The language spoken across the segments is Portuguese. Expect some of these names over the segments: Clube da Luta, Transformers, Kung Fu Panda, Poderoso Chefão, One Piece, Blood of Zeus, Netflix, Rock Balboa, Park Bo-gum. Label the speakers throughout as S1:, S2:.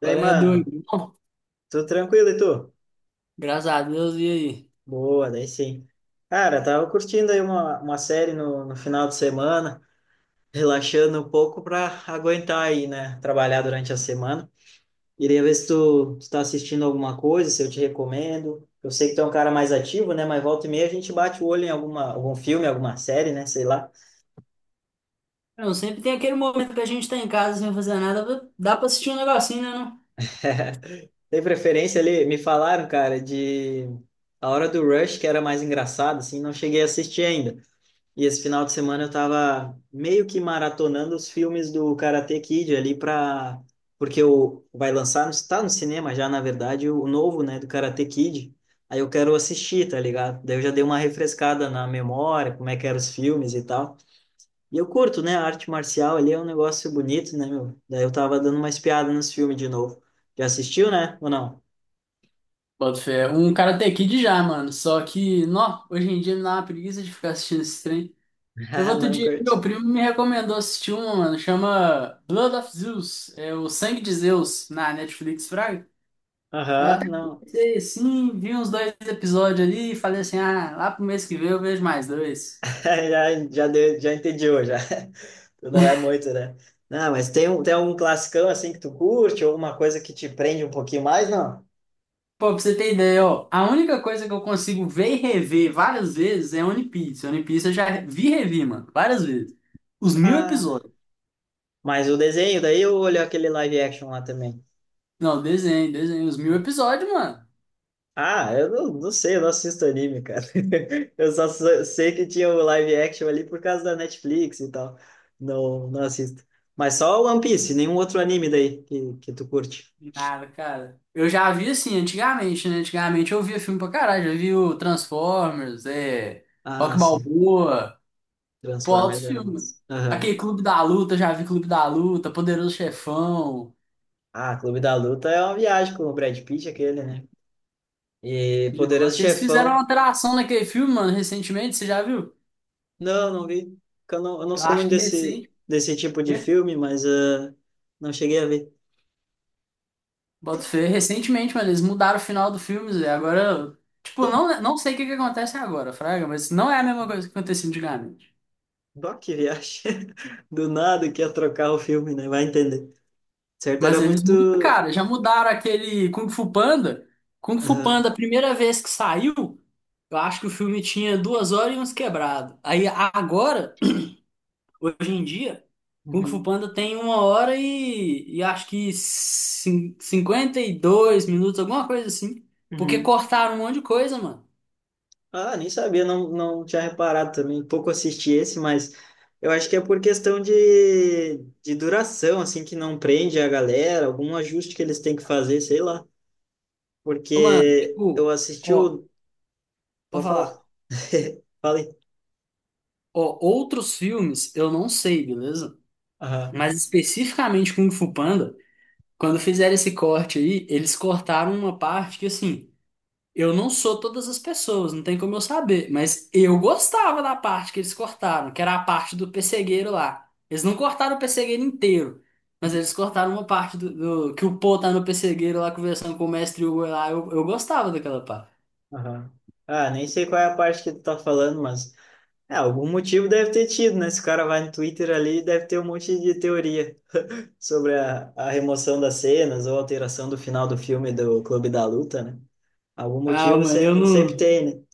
S1: Daí,
S2: Qual é,
S1: mano,
S2: doido? Bom,
S1: tudo tranquilo e tu?
S2: graças a Deus, e aí?
S1: Boa, daí sim. Cara, tava curtindo aí uma série no final de semana, relaxando um pouco pra aguentar aí, né? Trabalhar durante a semana. Iria ver se tu tá assistindo alguma coisa, se eu te recomendo. Eu sei que tu é um cara mais ativo, né? Mas volta e meia a gente bate o olho em algum filme, alguma série, né? Sei lá.
S2: Não, sempre tem aquele momento que a gente tá em casa sem fazer nada, dá pra assistir um negocinho, né, não?
S1: Tem preferência ali? Me falaram, cara, de A Hora do Rush, que era mais engraçado, assim, não cheguei a assistir ainda. E esse final de semana eu tava meio que maratonando os filmes do Karate Kid ali pra... Porque o... vai lançar, está no cinema já, na verdade, o novo, né, do Karate Kid. Aí eu quero assistir, tá ligado? Daí eu já dei uma refrescada na memória, como é que eram os filmes e tal. E eu curto, né, a arte marcial ali é um negócio bonito, né, meu? Daí eu tava dando uma espiada nos filmes de novo. Já assistiu, né? Ou não?
S2: Bota fé, um Karate Kid já, mano, só que, nó, hoje em dia me dá uma preguiça de ficar assistindo esse trem. Eu vou
S1: Ah,
S2: outro
S1: não
S2: dia,
S1: curte.
S2: meu primo me recomendou assistir uma, mano, chama Blood of Zeus, é o Sangue de Zeus, na Netflix, fraga. Eu
S1: Aham,
S2: até
S1: não.
S2: comecei, assim, vi uns dois episódios ali e falei assim, ah, lá pro mês que vem eu vejo mais dois.
S1: Já entendeu, já. Tu não é muito, né? Não, mas tem, tem algum classicão assim que tu curte, ou uma coisa que te prende um pouquinho mais, não?
S2: Pô, pra você ter ideia, ó, a única coisa que eu consigo ver e rever várias vezes é One Piece. One Piece eu já vi e revi, mano, várias vezes. Os mil
S1: Ah,
S2: episódios.
S1: mas o desenho, daí eu olho aquele live action lá também.
S2: Não, desenho, desenho, os 1.000 episódios, mano.
S1: Ah, eu não sei, eu não assisto anime, cara. Eu só sei que tinha o live action ali por causa da Netflix e tal. Não, não assisto. Mas só o One Piece, nenhum outro anime daí que tu curte.
S2: Nada, cara. Eu já vi assim, antigamente, né? Antigamente eu via filme pra caralho, já vi o Transformers, é,
S1: Ah,
S2: Rock
S1: sim.
S2: Balboa, pô, altos
S1: Transformers era
S2: filmes.
S1: massa.
S2: Aquele Clube da Luta, já vi Clube da Luta, Poderoso Chefão.
S1: Ah, Clube da Luta é uma viagem com o Brad Pitt, aquele, né? E Poderoso
S2: Eles fizeram uma
S1: Chefão.
S2: alteração naquele filme, mano, recentemente, você já viu?
S1: Não, não vi. Porque eu não, eu não
S2: Eu
S1: sou
S2: acho
S1: muito
S2: que
S1: desse,
S2: recente.
S1: desse tipo de filme, mas ah, não cheguei a ver.
S2: Boto fé recentemente, mas eles mudaram o final do filme, Zé. Agora, tipo, não, não sei o que que acontece agora, Fraga, mas não é a mesma coisa que acontecia antigamente.
S1: Bah, que viagem. Do nada que ia trocar o filme, né? Vai entender. Certo, era
S2: Mas eles mudam,
S1: muito.
S2: cara, já mudaram aquele Kung Fu Panda. Kung Fu
S1: Aham.
S2: Panda, a primeira vez que saiu, eu acho que o filme tinha 2 horas e uns quebrados. Aí agora, hoje em dia, Kung Fu
S1: Uhum.
S2: Panda tem 1 hora e acho que cinquenta e dois minutos, alguma coisa assim. Porque
S1: Uhum.
S2: cortaram um monte de coisa, mano.
S1: Ah, nem sabia, não tinha reparado também. Pouco assisti esse, mas eu acho que é por questão de duração, assim, que não prende a galera, algum ajuste que eles têm que fazer, sei lá.
S2: Ô, mano,
S1: Porque eu
S2: tipo.
S1: assisti
S2: Ó,
S1: o.
S2: vou
S1: Pode falar,
S2: falar.
S1: fala aí.
S2: Ó, outros filmes eu não sei, beleza?
S1: Aham,
S2: Mas especificamente Kung Fu Panda, quando fizeram esse corte aí, eles cortaram uma parte que assim, eu não sou todas as pessoas, não tem como eu saber, mas eu gostava da parte que eles cortaram, que era a parte do pessegueiro lá. Eles não cortaram o pessegueiro inteiro, mas eles cortaram uma parte que o Po tá no pessegueiro lá conversando com o mestre Hugo lá. Eu gostava daquela parte.
S1: aham. Ah, nem sei qual é a parte que tu tá falando, mas é, algum motivo deve ter tido, né? Esse cara vai no Twitter ali deve ter um monte de teoria sobre a remoção das cenas ou alteração do final do filme do Clube da Luta, né? Algum
S2: Ah,
S1: motivo
S2: mano,
S1: sempre tem, né?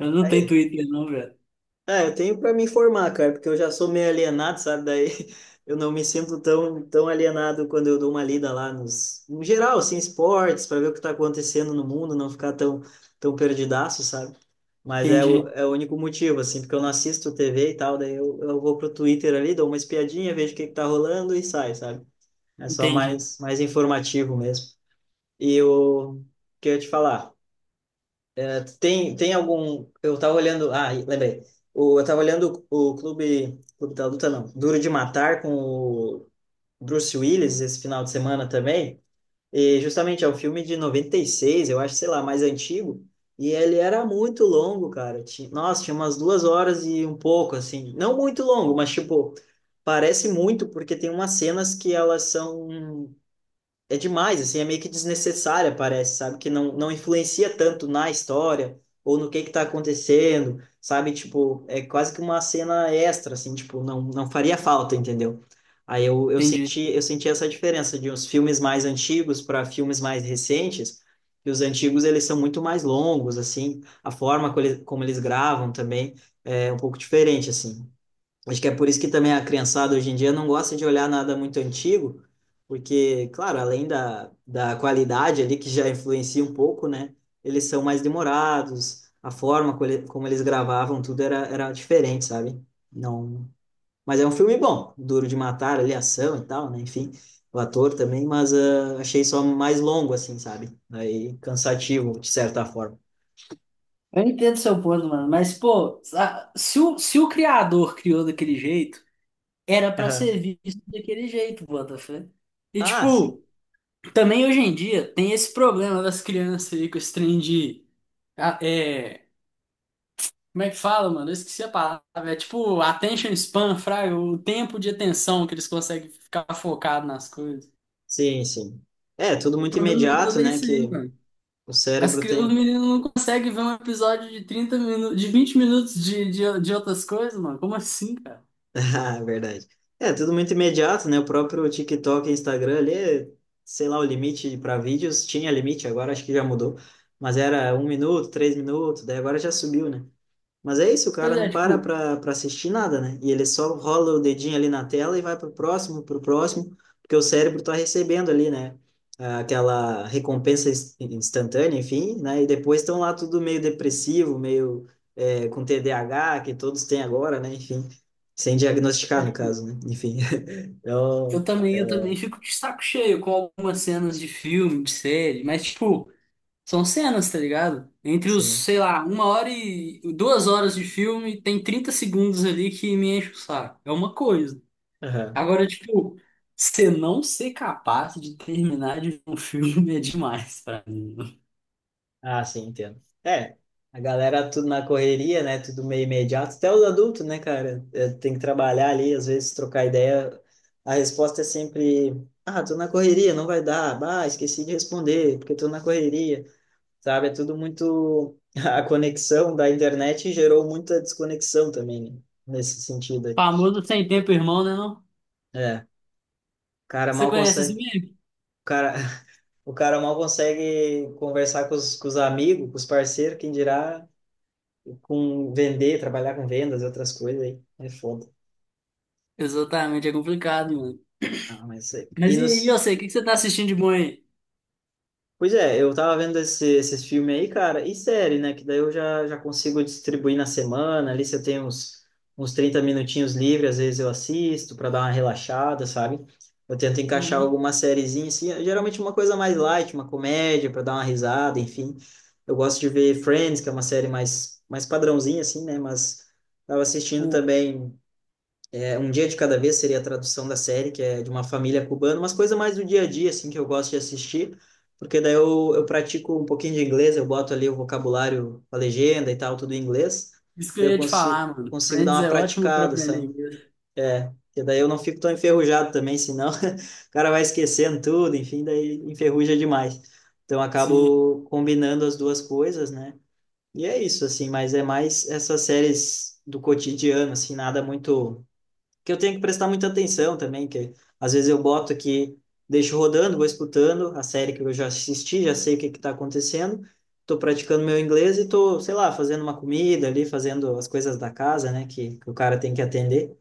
S2: eu não tenho
S1: Aí,
S2: Twitter não, velho.
S1: ah, eu tenho para me informar, cara, porque eu já sou meio alienado, sabe? Daí eu não me sinto tão alienado quando eu dou uma lida lá no geral, assim, esportes, para ver o que está acontecendo no mundo, não ficar tão perdidaço, sabe? Mas é
S2: Entendi,
S1: é o único motivo, assim, porque eu não assisto TV e tal, daí eu vou pro Twitter ali, dou uma espiadinha, vejo o que que tá rolando e sai, sabe? É só
S2: entendi,
S1: mais informativo mesmo. E o que eu ia te falar? Tem algum. Eu tava olhando. Ah, lembrei. O, eu tava olhando o Clube da Luta, não. Duro de Matar com o Bruce Willis esse final de semana também. E justamente é um filme de 96 eu acho, sei lá, mais antigo. E ele era muito longo, cara. Nossa, tinha umas 2 horas e um pouco, assim. Não muito longo, mas tipo, parece muito, porque tem umas cenas que elas são é demais, assim, é meio que desnecessária, parece, sabe? Que não influencia tanto na história ou no que tá acontecendo, sabe? Tipo, é quase que uma cena extra, assim, tipo, não faria falta, entendeu? Aí
S2: entendi.
S1: eu senti essa diferença de uns filmes mais antigos para filmes mais recentes, e os antigos eles são muito mais longos, assim, a forma como como eles gravam também é um pouco diferente, assim. Acho que é por isso que também a criançada hoje em dia não gosta de olhar nada muito antigo, porque, claro, além da qualidade ali, que já influencia um pouco, né? Eles são mais demorados, a forma como eles gravavam, tudo era diferente, sabe? Não... Mas é um filme bom, Duro de Matar, ali, ação e tal, né? Enfim, o ator também, mas ah, achei só mais longo, assim, sabe? Aí, cansativo, de certa forma.
S2: Eu entendo seu ponto, mano, mas, pô, se o criador criou daquele jeito, era pra
S1: Aham.
S2: ser visto daquele jeito, Botafé. E,
S1: Ah, sim.
S2: tipo, também hoje em dia tem esse problema das crianças aí com esse trem de. Ah, é, como é que fala, mano? Eu esqueci a palavra. É tipo, attention span, fraga, o tempo de atenção que eles conseguem ficar focado nas coisas. O
S1: Sim, sim. É, tudo muito
S2: problema
S1: imediato,
S2: todo é
S1: né?
S2: isso
S1: Que
S2: aí, mano.
S1: o cérebro
S2: Os
S1: tem,
S2: meninos não conseguem ver um episódio de 30 minutos, de 20 minutos de outras coisas, mano. Como assim, cara?
S1: ah, verdade. É, tudo muito imediato, né? O próprio TikTok e Instagram ali, sei lá, o limite para vídeos, tinha limite, agora acho que já mudou, mas era 1 minuto, 3 minutos, daí agora já subiu, né? Mas é isso, o
S2: Pois
S1: cara não para pra assistir nada, né? E ele só rola o dedinho ali na tela e vai pro próximo, porque o cérebro tá recebendo ali, né? Ah, aquela recompensa instantânea, enfim, né? E depois estão lá tudo meio depressivo, meio é, com TDAH, que todos têm agora, né? Enfim, sem diagnosticar,
S2: é,
S1: no
S2: tipo,
S1: caso, né? Enfim,
S2: eu
S1: então,
S2: também,
S1: é,
S2: eu também fico de saco cheio com algumas cenas de filme, de série, mas, tipo, são cenas, tá ligado? Entre os,
S1: sim.
S2: sei lá, 1 hora e 2 horas de filme, tem 30 segundos ali que me enche o saco. É uma coisa.
S1: Aham.
S2: Agora, tipo, você não ser capaz de terminar de ver um filme é demais pra mim.
S1: Ah, sim, entendo. É, a galera tudo na correria, né? Tudo meio imediato. Até os adultos, né, cara? É, tem que trabalhar ali, às vezes trocar ideia. A resposta é sempre: ah, tô na correria, não vai dar. Ah, esqueci de responder, porque tô na correria. Sabe? É tudo muito. A conexão da internet gerou muita desconexão também, né? Nesse sentido aí.
S2: Famoso sem tempo, irmão, né? Não?
S1: É, o cara
S2: Você
S1: mal
S2: conhece esse
S1: consegue.
S2: meme?
S1: O cara, o cara mal consegue conversar com com os amigos, com os parceiros, quem dirá com vender, trabalhar com vendas e outras coisas aí. É foda.
S2: Exatamente, é complicado, mano.
S1: Ah, mas e
S2: Mas e aí, eu
S1: nos
S2: sei, o que que você tá assistindo de bom aí?
S1: pois é, eu tava vendo esses filmes aí, cara, e série, né? Que daí eu já consigo distribuir na semana. Ali, se eu tenho uns 30 minutinhos livres, às vezes eu assisto para dar uma relaxada, sabe? Eu tento encaixar
S2: Uhum.
S1: alguma sériezinha, assim, é geralmente uma coisa mais light, uma comédia, para dar uma risada, enfim. Eu gosto de ver Friends, que é uma série mais padrãozinha, assim, né? Mas tava assistindo
S2: Pouco.
S1: também é, Um Dia de Cada Vez seria a tradução da série, que é de uma família cubana, umas coisas mais do dia a dia, assim, que eu gosto de assistir, porque daí eu pratico um pouquinho de inglês, eu boto ali o vocabulário, a legenda e tal, tudo em inglês,
S2: Isso que eu
S1: daí eu
S2: ia te falar, mano.
S1: consigo dar
S2: Friends
S1: uma
S2: é ótimo pra
S1: praticada,
S2: aprender
S1: sabe?
S2: inglês.
S1: É, porque daí eu não fico tão enferrujado também, senão o cara vai esquecendo tudo, enfim, daí enferruja demais. Então eu
S2: Sim.
S1: acabo combinando as duas coisas, né? E é isso, assim, mas é mais essas séries do cotidiano, assim, nada muito que eu tenho que prestar muita atenção também, que às vezes eu boto aqui, deixo rodando, vou escutando a série que eu já assisti, já sei o que que tá acontecendo, tô praticando meu inglês e tô, sei lá, fazendo uma comida ali, fazendo as coisas da casa, né, que o cara tem que atender.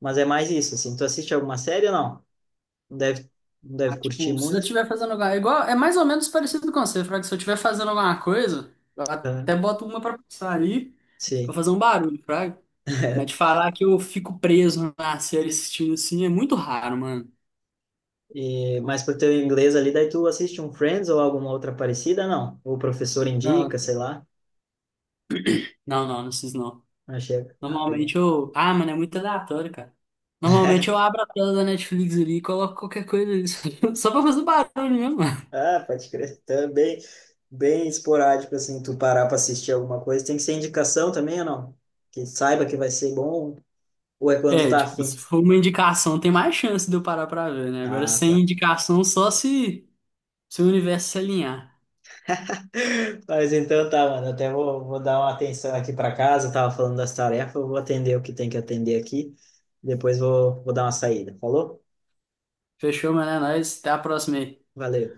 S1: Mas é mais isso, assim, tu assiste alguma série ou não? Não deve, não
S2: Ah,
S1: deve curtir
S2: tipo, se eu
S1: muito,
S2: estiver fazendo alguma... É igual, é mais ou menos parecido com você, Fraga. Se eu estiver fazendo alguma coisa, eu
S1: tá?
S2: até boto uma pra passar ali, pra
S1: Sim.
S2: fazer um barulho, Fraga. Mas de falar que eu fico preso na série assistindo assim, é muito raro, mano.
S1: E, mas pro teu inglês ali, daí tu assiste um Friends ou alguma outra parecida, não? Ou o professor indica,
S2: Não,
S1: sei lá.
S2: não, não, não preciso não.
S1: Não chega. Ah, beleza.
S2: Normalmente eu. Ah, mano, é muito aleatório, cara. Normalmente eu abro a tela da Netflix ali e coloco qualquer coisa ali, só pra fazer barulho mesmo.
S1: Ah, pode crer. Também bem esporádico, assim, tu parar pra assistir alguma coisa. Tem que ser indicação também ou não? Que saiba que vai ser bom ou é quando
S2: É,
S1: tá
S2: tipo, se
S1: afim?
S2: for uma indicação, tem mais chance de eu parar pra ver, né? Agora,
S1: Ah,
S2: sem
S1: tá.
S2: indicação, só se o universo se alinhar.
S1: Mas então tá, mano. Até vou, vou dar uma atenção aqui pra casa. Eu tava falando das tarefas, eu vou atender o que tem que atender aqui. Depois vou, vou dar uma saída. Falou?
S2: Fechou, mano? É nóis. Até a próxima aí.
S1: Valeu.